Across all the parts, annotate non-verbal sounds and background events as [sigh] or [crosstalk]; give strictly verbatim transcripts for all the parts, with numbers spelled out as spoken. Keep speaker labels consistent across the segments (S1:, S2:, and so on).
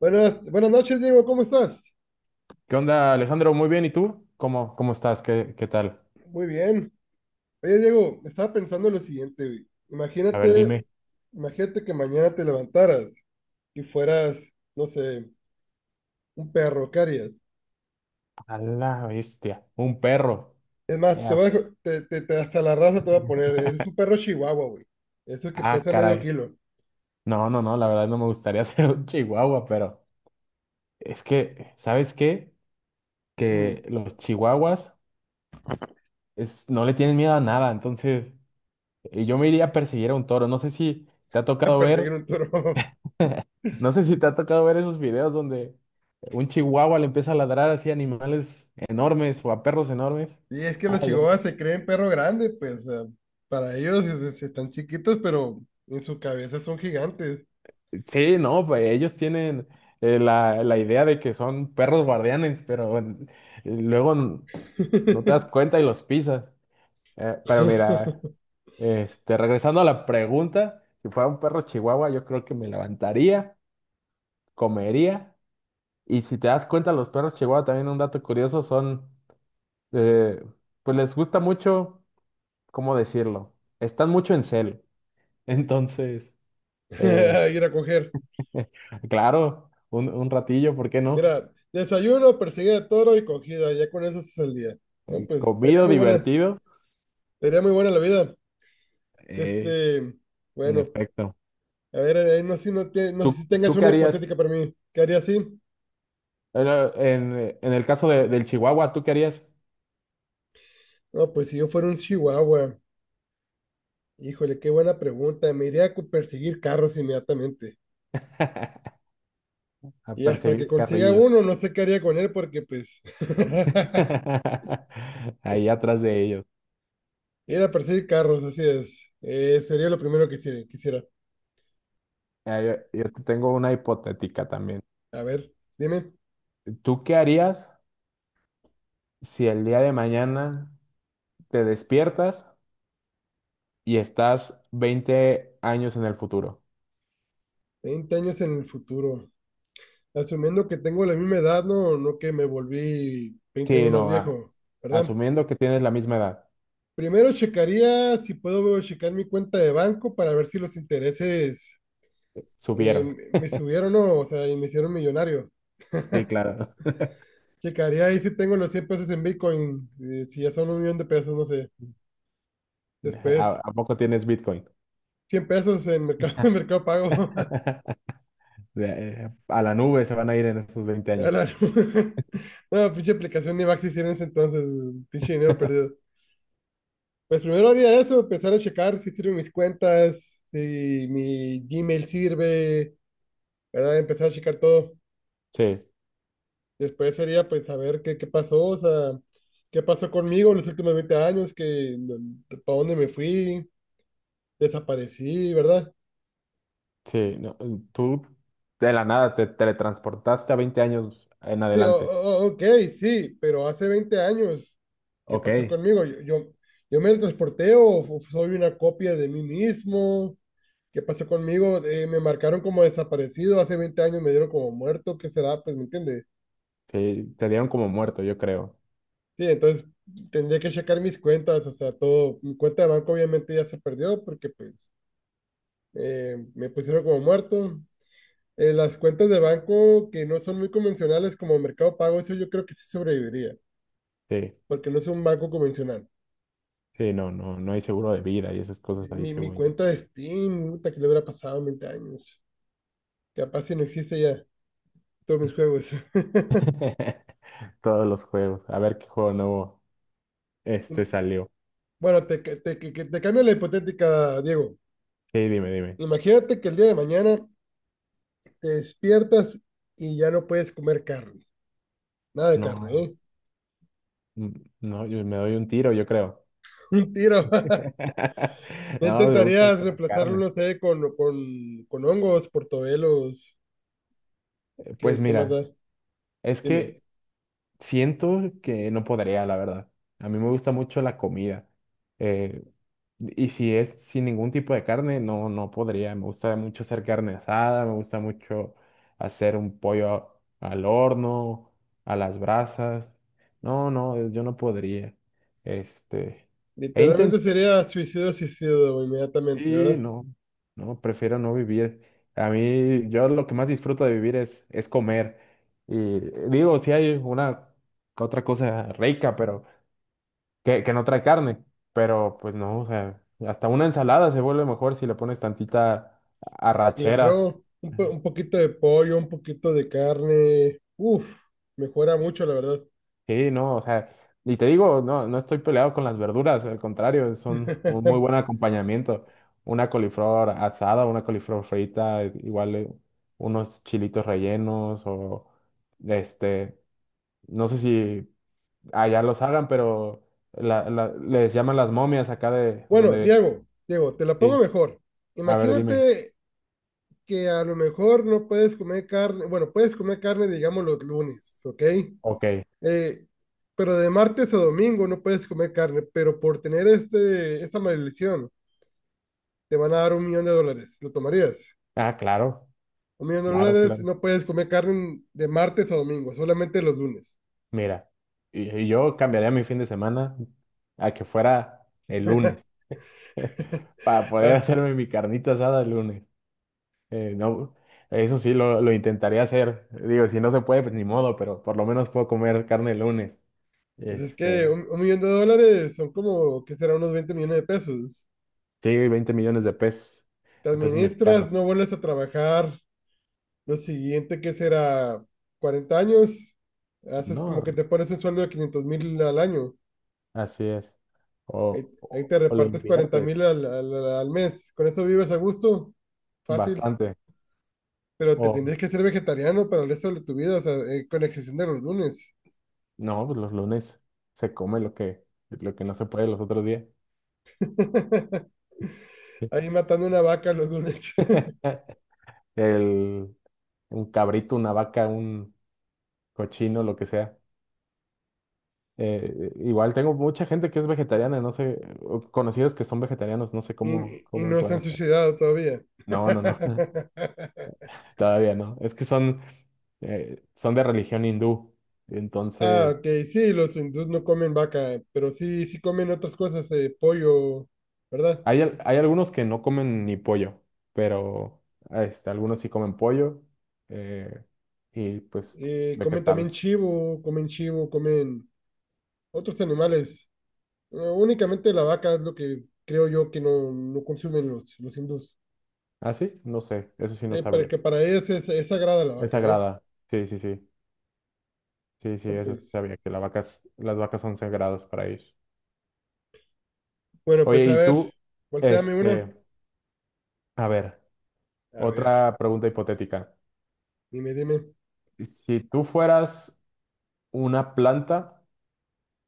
S1: Buenas, buenas noches, Diego, ¿cómo estás?
S2: ¿Qué onda, Alejandro? Muy bien, ¿y tú? ¿Cómo, cómo estás? ¿Qué, qué tal?
S1: Muy bien. Oye, Diego, estaba pensando en lo siguiente, güey.
S2: A ver,
S1: Imagínate,
S2: dime.
S1: imagínate que mañana te levantaras y fueras, no sé, un perro, ¿qué harías?
S2: A la bestia, un perro.
S1: Es más, te
S2: Ya.
S1: voy a, dejar- te, te- te- hasta la raza te voy a poner, eres un
S2: [laughs]
S1: perro chihuahua, güey. Eso que
S2: Ah,
S1: pesa medio
S2: caray.
S1: kilo.
S2: No, no, no, la verdad no me gustaría [laughs] ser un chihuahua, pero es que, ¿sabes qué?
S1: Mm,
S2: Que los chihuahuas es, no le tienen miedo a nada, entonces eh, yo me iría a perseguir a un toro. No sé si te ha
S1: [laughs] a
S2: tocado
S1: perseguir
S2: ver,
S1: un toro. [laughs]
S2: no sé si te ha tocado ver esos videos donde un chihuahua le empieza a ladrar así a animales enormes o a perros enormes.
S1: Y es que
S2: Ah,
S1: los
S2: yo
S1: chihuahuas se creen perro grande, pues, o sea, para ellos es- es- están chiquitos, pero en su cabeza son gigantes.
S2: Sí, no, pues ellos tienen eh, la, la idea de que son perros guardianes, pero eh, luego n- no te das
S1: [laughs]
S2: cuenta y los pisas. Eh, pero mira, este, regresando a la pregunta, si fuera un perro chihuahua, yo creo que me levantaría, comería, y si te das cuenta, los perros chihuahua también un dato curioso son, eh, pues les gusta mucho, ¿cómo decirlo? Están mucho en cel. Entonces, eh,
S1: [laughs] Ir a coger.
S2: [laughs] claro, un, un ratillo, ¿por qué no?
S1: Mira, desayuno, perseguir a toro y cogida. Ya con eso es el día. No,
S2: Eh,
S1: pues estaría
S2: comido,
S1: muy buena.
S2: divertido,
S1: Estaría muy buena la vida.
S2: eh,
S1: Este,
S2: en
S1: bueno,
S2: efecto.
S1: a ver, eh, no sé si no, te- no sé
S2: ¿Tú,
S1: si tengas
S2: tú qué
S1: una
S2: harías?
S1: hipotética para mí. ¿Qué haría así?
S2: Bueno, En, en el caso de- del chihuahua, ¿tú qué harías?
S1: No, pues si yo fuera un chihuahua. Híjole, qué buena pregunta. Me iría a cu- perseguir carros inmediatamente.
S2: [laughs] A
S1: Y hasta que
S2: perseguir
S1: consiga
S2: carrillos.
S1: uno, no sé qué haría con él porque pues [laughs]
S2: [laughs] Ahí atrás de ellos.
S1: ir a perseguir carros, así es. Eh, sería lo primero que quisiera. quisiera.
S2: Ah, Yo, yo te tengo una hipotética también.
S1: A ver, dime.
S2: ¿Tú qué harías si el día de mañana te despiertas y estás veinte años en el futuro?
S1: veinte años en el futuro. Asumiendo que tengo la misma edad, no, no que me volví veinte años
S2: Sí,
S1: más
S2: no, a-
S1: viejo, ¿verdad?
S2: asumiendo que tienes la misma edad.
S1: Primero checaría si puedo checar mi cuenta de banco para ver si los intereses eh,
S2: Subieron.
S1: me subieron o no, o sea, y me hicieron millonario.
S2: Sí, claro.
S1: Checaría ahí si tengo los cien pesos en Bitcoin, eh, si ya son un millón de pesos, no sé.
S2: [laughs] ¿A,
S1: Después,
S2: a poco tienes Bitcoin?
S1: cien pesos en Mercado, [laughs] en mercado Pago. [laughs]
S2: [laughs] De- eh, a la nube se van a ir en esos veinte
S1: A
S2: años.
S1: la- [laughs] No, pinche aplicación ni va a existir en ese entonces, pinche dinero perdido. Pues primero haría eso, empezar a checar si sirven mis cuentas, si mi Gmail sirve, ¿verdad? Empezar a checar todo.
S2: Sí,
S1: Después sería pues saber qué, qué pasó, o sea, qué pasó conmigo en los últimos veinte años, que, no, para dónde me fui, desaparecí, ¿verdad?
S2: sí, no, tú de la nada te teletransportaste a veinte años en
S1: Sí, o-
S2: adelante.
S1: o- ok, sí, pero hace veinte años, ¿qué pasó
S2: Ok.
S1: conmigo? Yo, yo, yo me transporté o f- soy una copia de mí mismo. ¿Qué pasó conmigo? Eh, me marcaron como desaparecido, hace veinte años me dieron como muerto, ¿qué será? Pues, ¿me entiendes?
S2: Sí, te dieron como muerto, yo creo.
S1: Sí, entonces tendría que checar mis cuentas, o sea, todo, mi cuenta de banco obviamente ya se perdió porque pues eh, me pusieron como muerto. Eh, las cuentas de banco que no son muy convencionales como Mercado Pago, eso yo creo que sí sobreviviría,
S2: Sí,
S1: porque no es un banco convencional.
S2: sí, no, no, no hay seguro de vida y esas cosas
S1: Eh,
S2: ahí,
S1: Mi, mi
S2: según yo.
S1: cuenta de Steam, puta, que le habrá pasado veinte años, capaz si no existe ya todos mis juegos.
S2: [laughs] Todos los juegos. A ver qué juego nuevo este
S1: [laughs]
S2: salió.
S1: Bueno, te, ca- te, que- que- te cambio la hipotética, Diego.
S2: Sí, dime, dime.
S1: Imagínate que el día de mañana te despiertas y ya no puedes comer carne. Nada de carne,
S2: No,
S1: ¿eh?
S2: mm, no, yo me doy un tiro, yo creo.
S1: [laughs] Un tiro. [laughs]
S2: [laughs]
S1: No
S2: No, me gusta
S1: intentarías
S2: mucho la
S1: reemplazarlo,
S2: carne.
S1: no sé, con, con, con hongos, portobelos.
S2: Pues
S1: ¿Qué, qué más
S2: mira,
S1: da?
S2: es
S1: Dime.
S2: que siento que no podría, la verdad. A mí me gusta mucho la comida. Eh, y si es sin ningún tipo de carne, no, no podría. Me gusta mucho hacer carne asada, me gusta mucho hacer un pollo al horno, a las brasas. No, no, eh, yo no podría. Este, he intentado,
S1: Literalmente sería suicidio, suicidio inmediatamente,
S2: sí,
S1: ¿verdad?
S2: no, no, prefiero no vivir. A mí, yo lo que más disfruto de vivir es, es comer. Y eh, digo, si hay una otra cosa rica, pero que, que no trae carne, pero pues no, o sea, hasta una ensalada se vuelve mejor si le pones tantita arrachera.
S1: Claro, un, po- un poquito de pollo, un poquito de carne. Uf, mejora mucho, la verdad.
S2: Sí, no, o sea, y te digo, no, no estoy peleado con las verduras, al contrario, son un muy buen
S1: [laughs]
S2: acompañamiento. Una coliflor asada, una coliflor frita, eh, igual eh, unos chilitos rellenos o este, no sé si allá los hagan, pero la- la- les llaman las momias acá de
S1: Bueno,
S2: donde,
S1: Diego, Diego, te la pongo
S2: sí,
S1: mejor.
S2: a ver, dime,
S1: Imagínate que a lo mejor no puedes comer carne, bueno, puedes comer carne, digamos, los lunes, ¿ok?
S2: ok.
S1: Eh, pero de martes a domingo no puedes comer carne, pero por tener este, esta maldición te van a dar un millón de dólares. ¿Lo tomarías?
S2: Ah, claro,
S1: Un millón de
S2: claro,
S1: dólares,
S2: claro.
S1: no puedes comer carne de martes a domingo, solamente los lunes.
S2: Mira, y- y yo cambiaría mi fin de semana a que fuera el lunes [laughs]
S1: [laughs]
S2: para poder
S1: Ah,
S2: hacerme mi carnita asada el lunes. Eh, no, eso sí lo, lo intentaría hacer. Digo, si no se puede, pues ni modo, pero por lo menos puedo comer carne el lunes.
S1: pues es que
S2: Este,
S1: un, un millón de dólares son como, ¿que será? Unos veinte millones de pesos.
S2: sí, veinte millones de pesos,
S1: Te
S2: de pesos
S1: administras,
S2: mexicanos.
S1: no vuelves a trabajar. Lo siguiente que será cuarenta años, haces como
S2: No,
S1: que te pones un sueldo de quinientos mil al año.
S2: así es.
S1: Ahí,
S2: O,
S1: ahí
S2: o,
S1: te
S2: o lo
S1: repartes cuarenta
S2: inviertes
S1: mil al, al- al mes. Con eso vives a gusto, fácil.
S2: bastante.
S1: Pero te tendrías que ser vegetariano para el resto de tu vida, o sea, eh, con excepción de los lunes.
S2: No, pues los lunes se come lo que, lo que no se puede los otros días.
S1: [laughs] Ahí matando una vaca los lunes. [laughs]
S2: Eh, El, un cabrito, una vaca, un cochino, lo que sea. Eh, igual tengo mucha gente que es vegetariana, no sé, o conocidos que son vegetarianos, no sé cómo,
S1: Y, y
S2: cómo le
S1: no se
S2: pueden
S1: han
S2: hacer.
S1: suicidado todavía.
S2: No, no, no,
S1: [laughs]
S2: [laughs] todavía no. Es que son, eh, son de religión hindú.
S1: Ah,
S2: Entonces,
S1: ok, sí, los hindús no comen vaca, pero sí, sí comen otras cosas, eh, pollo, ¿verdad?
S2: hay, al- hay algunos que no comen ni pollo, pero este, algunos sí comen pollo eh, y pues
S1: Eh, comen
S2: vegetales.
S1: también chivo, comen chivo, comen otros animales. Eh, únicamente la vaca es lo que creo yo que no, no consumen los, los hindús.
S2: ¿Ah, sí? No sé, eso sí no
S1: Eh, para
S2: sabría.
S1: que para ellos es, es sagrada la
S2: Es
S1: vaca, ¿eh?
S2: sagrada. Sí, sí, sí. Sí, sí,
S1: No,
S2: eso sí
S1: pues,
S2: sabía, que la vacas, las vacas son sagradas para ellos.
S1: bueno, pues
S2: Oye,
S1: a
S2: y
S1: ver,
S2: tú,
S1: volteame una.
S2: este, a ver,
S1: A ver,
S2: otra pregunta hipotética.
S1: dime, dime.
S2: Si tú fueras una planta,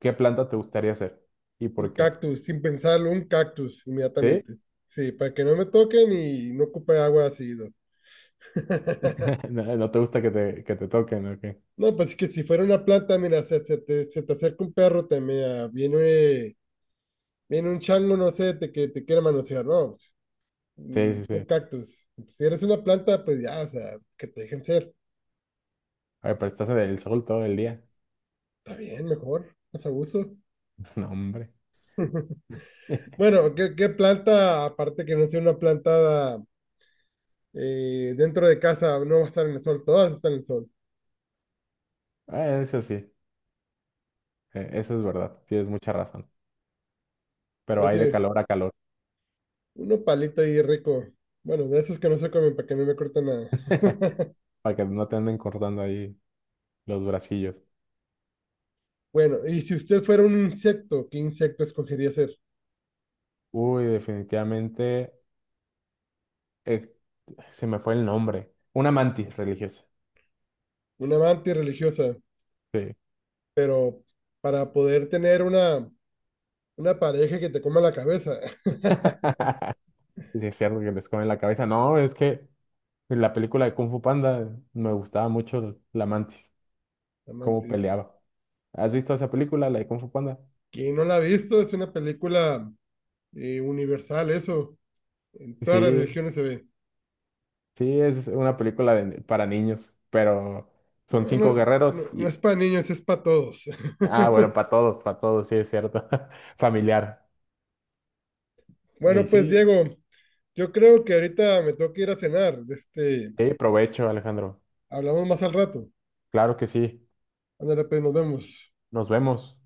S2: ¿qué planta te gustaría ser? ¿Y por
S1: Un
S2: qué?
S1: cactus, sin pensarlo, un cactus
S2: ¿Sí?
S1: inmediatamente. Sí, para que no me toquen y no ocupe agua seguido. [laughs]
S2: [laughs] No, no te gusta que te, que te, toquen, ¿o qué?
S1: No, pues es que si fuera una planta, mira, se, se te, se te acerca un perro, te me viene. Viene un chango, no sé, te, que te quiere manosear, ¿no?
S2: Sí, sí,
S1: Un
S2: sí.
S1: un cactus. Pues, si eres una planta, pues ya, o sea, que te dejen ser.
S2: Ay, pero estás en el sol todo el día.
S1: Está bien, mejor, más abuso.
S2: [laughs] No, hombre.
S1: [laughs]
S2: [laughs]
S1: Bueno, ¿qué, qué planta, aparte que no sea una planta eh, dentro de casa, no va a estar en el sol? Todas están en el sol.
S2: Eh, eso sí, eh, eso es verdad. Tienes mucha razón. Pero
S1: Pero
S2: hay de
S1: sí,
S2: calor a calor.
S1: uno palito ahí rico. Bueno, de esos que no se comen para que no me corten nada.
S2: [laughs]
S1: [laughs]
S2: Para que no te anden cortando ahí los bracillos.
S1: Bueno, y si usted fuera un insecto, ¿qué insecto escogería ser?
S2: Uy, definitivamente eh, se me fue el nombre. Una mantis religiosa.
S1: Una amante religiosa,
S2: Sí.
S1: pero para poder tener una. Una pareja que te coma la cabeza. [laughs]
S2: [laughs] Sí, es cierto que les comen la cabeza. No, es que en la película de Kung Fu Panda me gustaba mucho la mantis, cómo
S1: Amantes.
S2: peleaba. ¿Has visto esa película, la de Kung Fu Panda?
S1: Quien no la ha visto, es una película eh, universal, eso. En todas las
S2: Sí,
S1: religiones se ve.
S2: sí, es una película de- para niños, pero son
S1: No,
S2: cinco
S1: no, no,
S2: guerreros
S1: no
S2: y...
S1: es para niños, es para todos.
S2: Ah, bueno,
S1: [laughs]
S2: para todos, para todos, sí, es cierto. [laughs] Familiar. Y
S1: Bueno, pues
S2: sí,
S1: Diego, yo creo que ahorita me tengo que ir a cenar. Este,
S2: sí, provecho, Alejandro.
S1: hablamos más al rato.
S2: Claro que sí.
S1: Ándale, pues nos vemos.
S2: Nos vemos.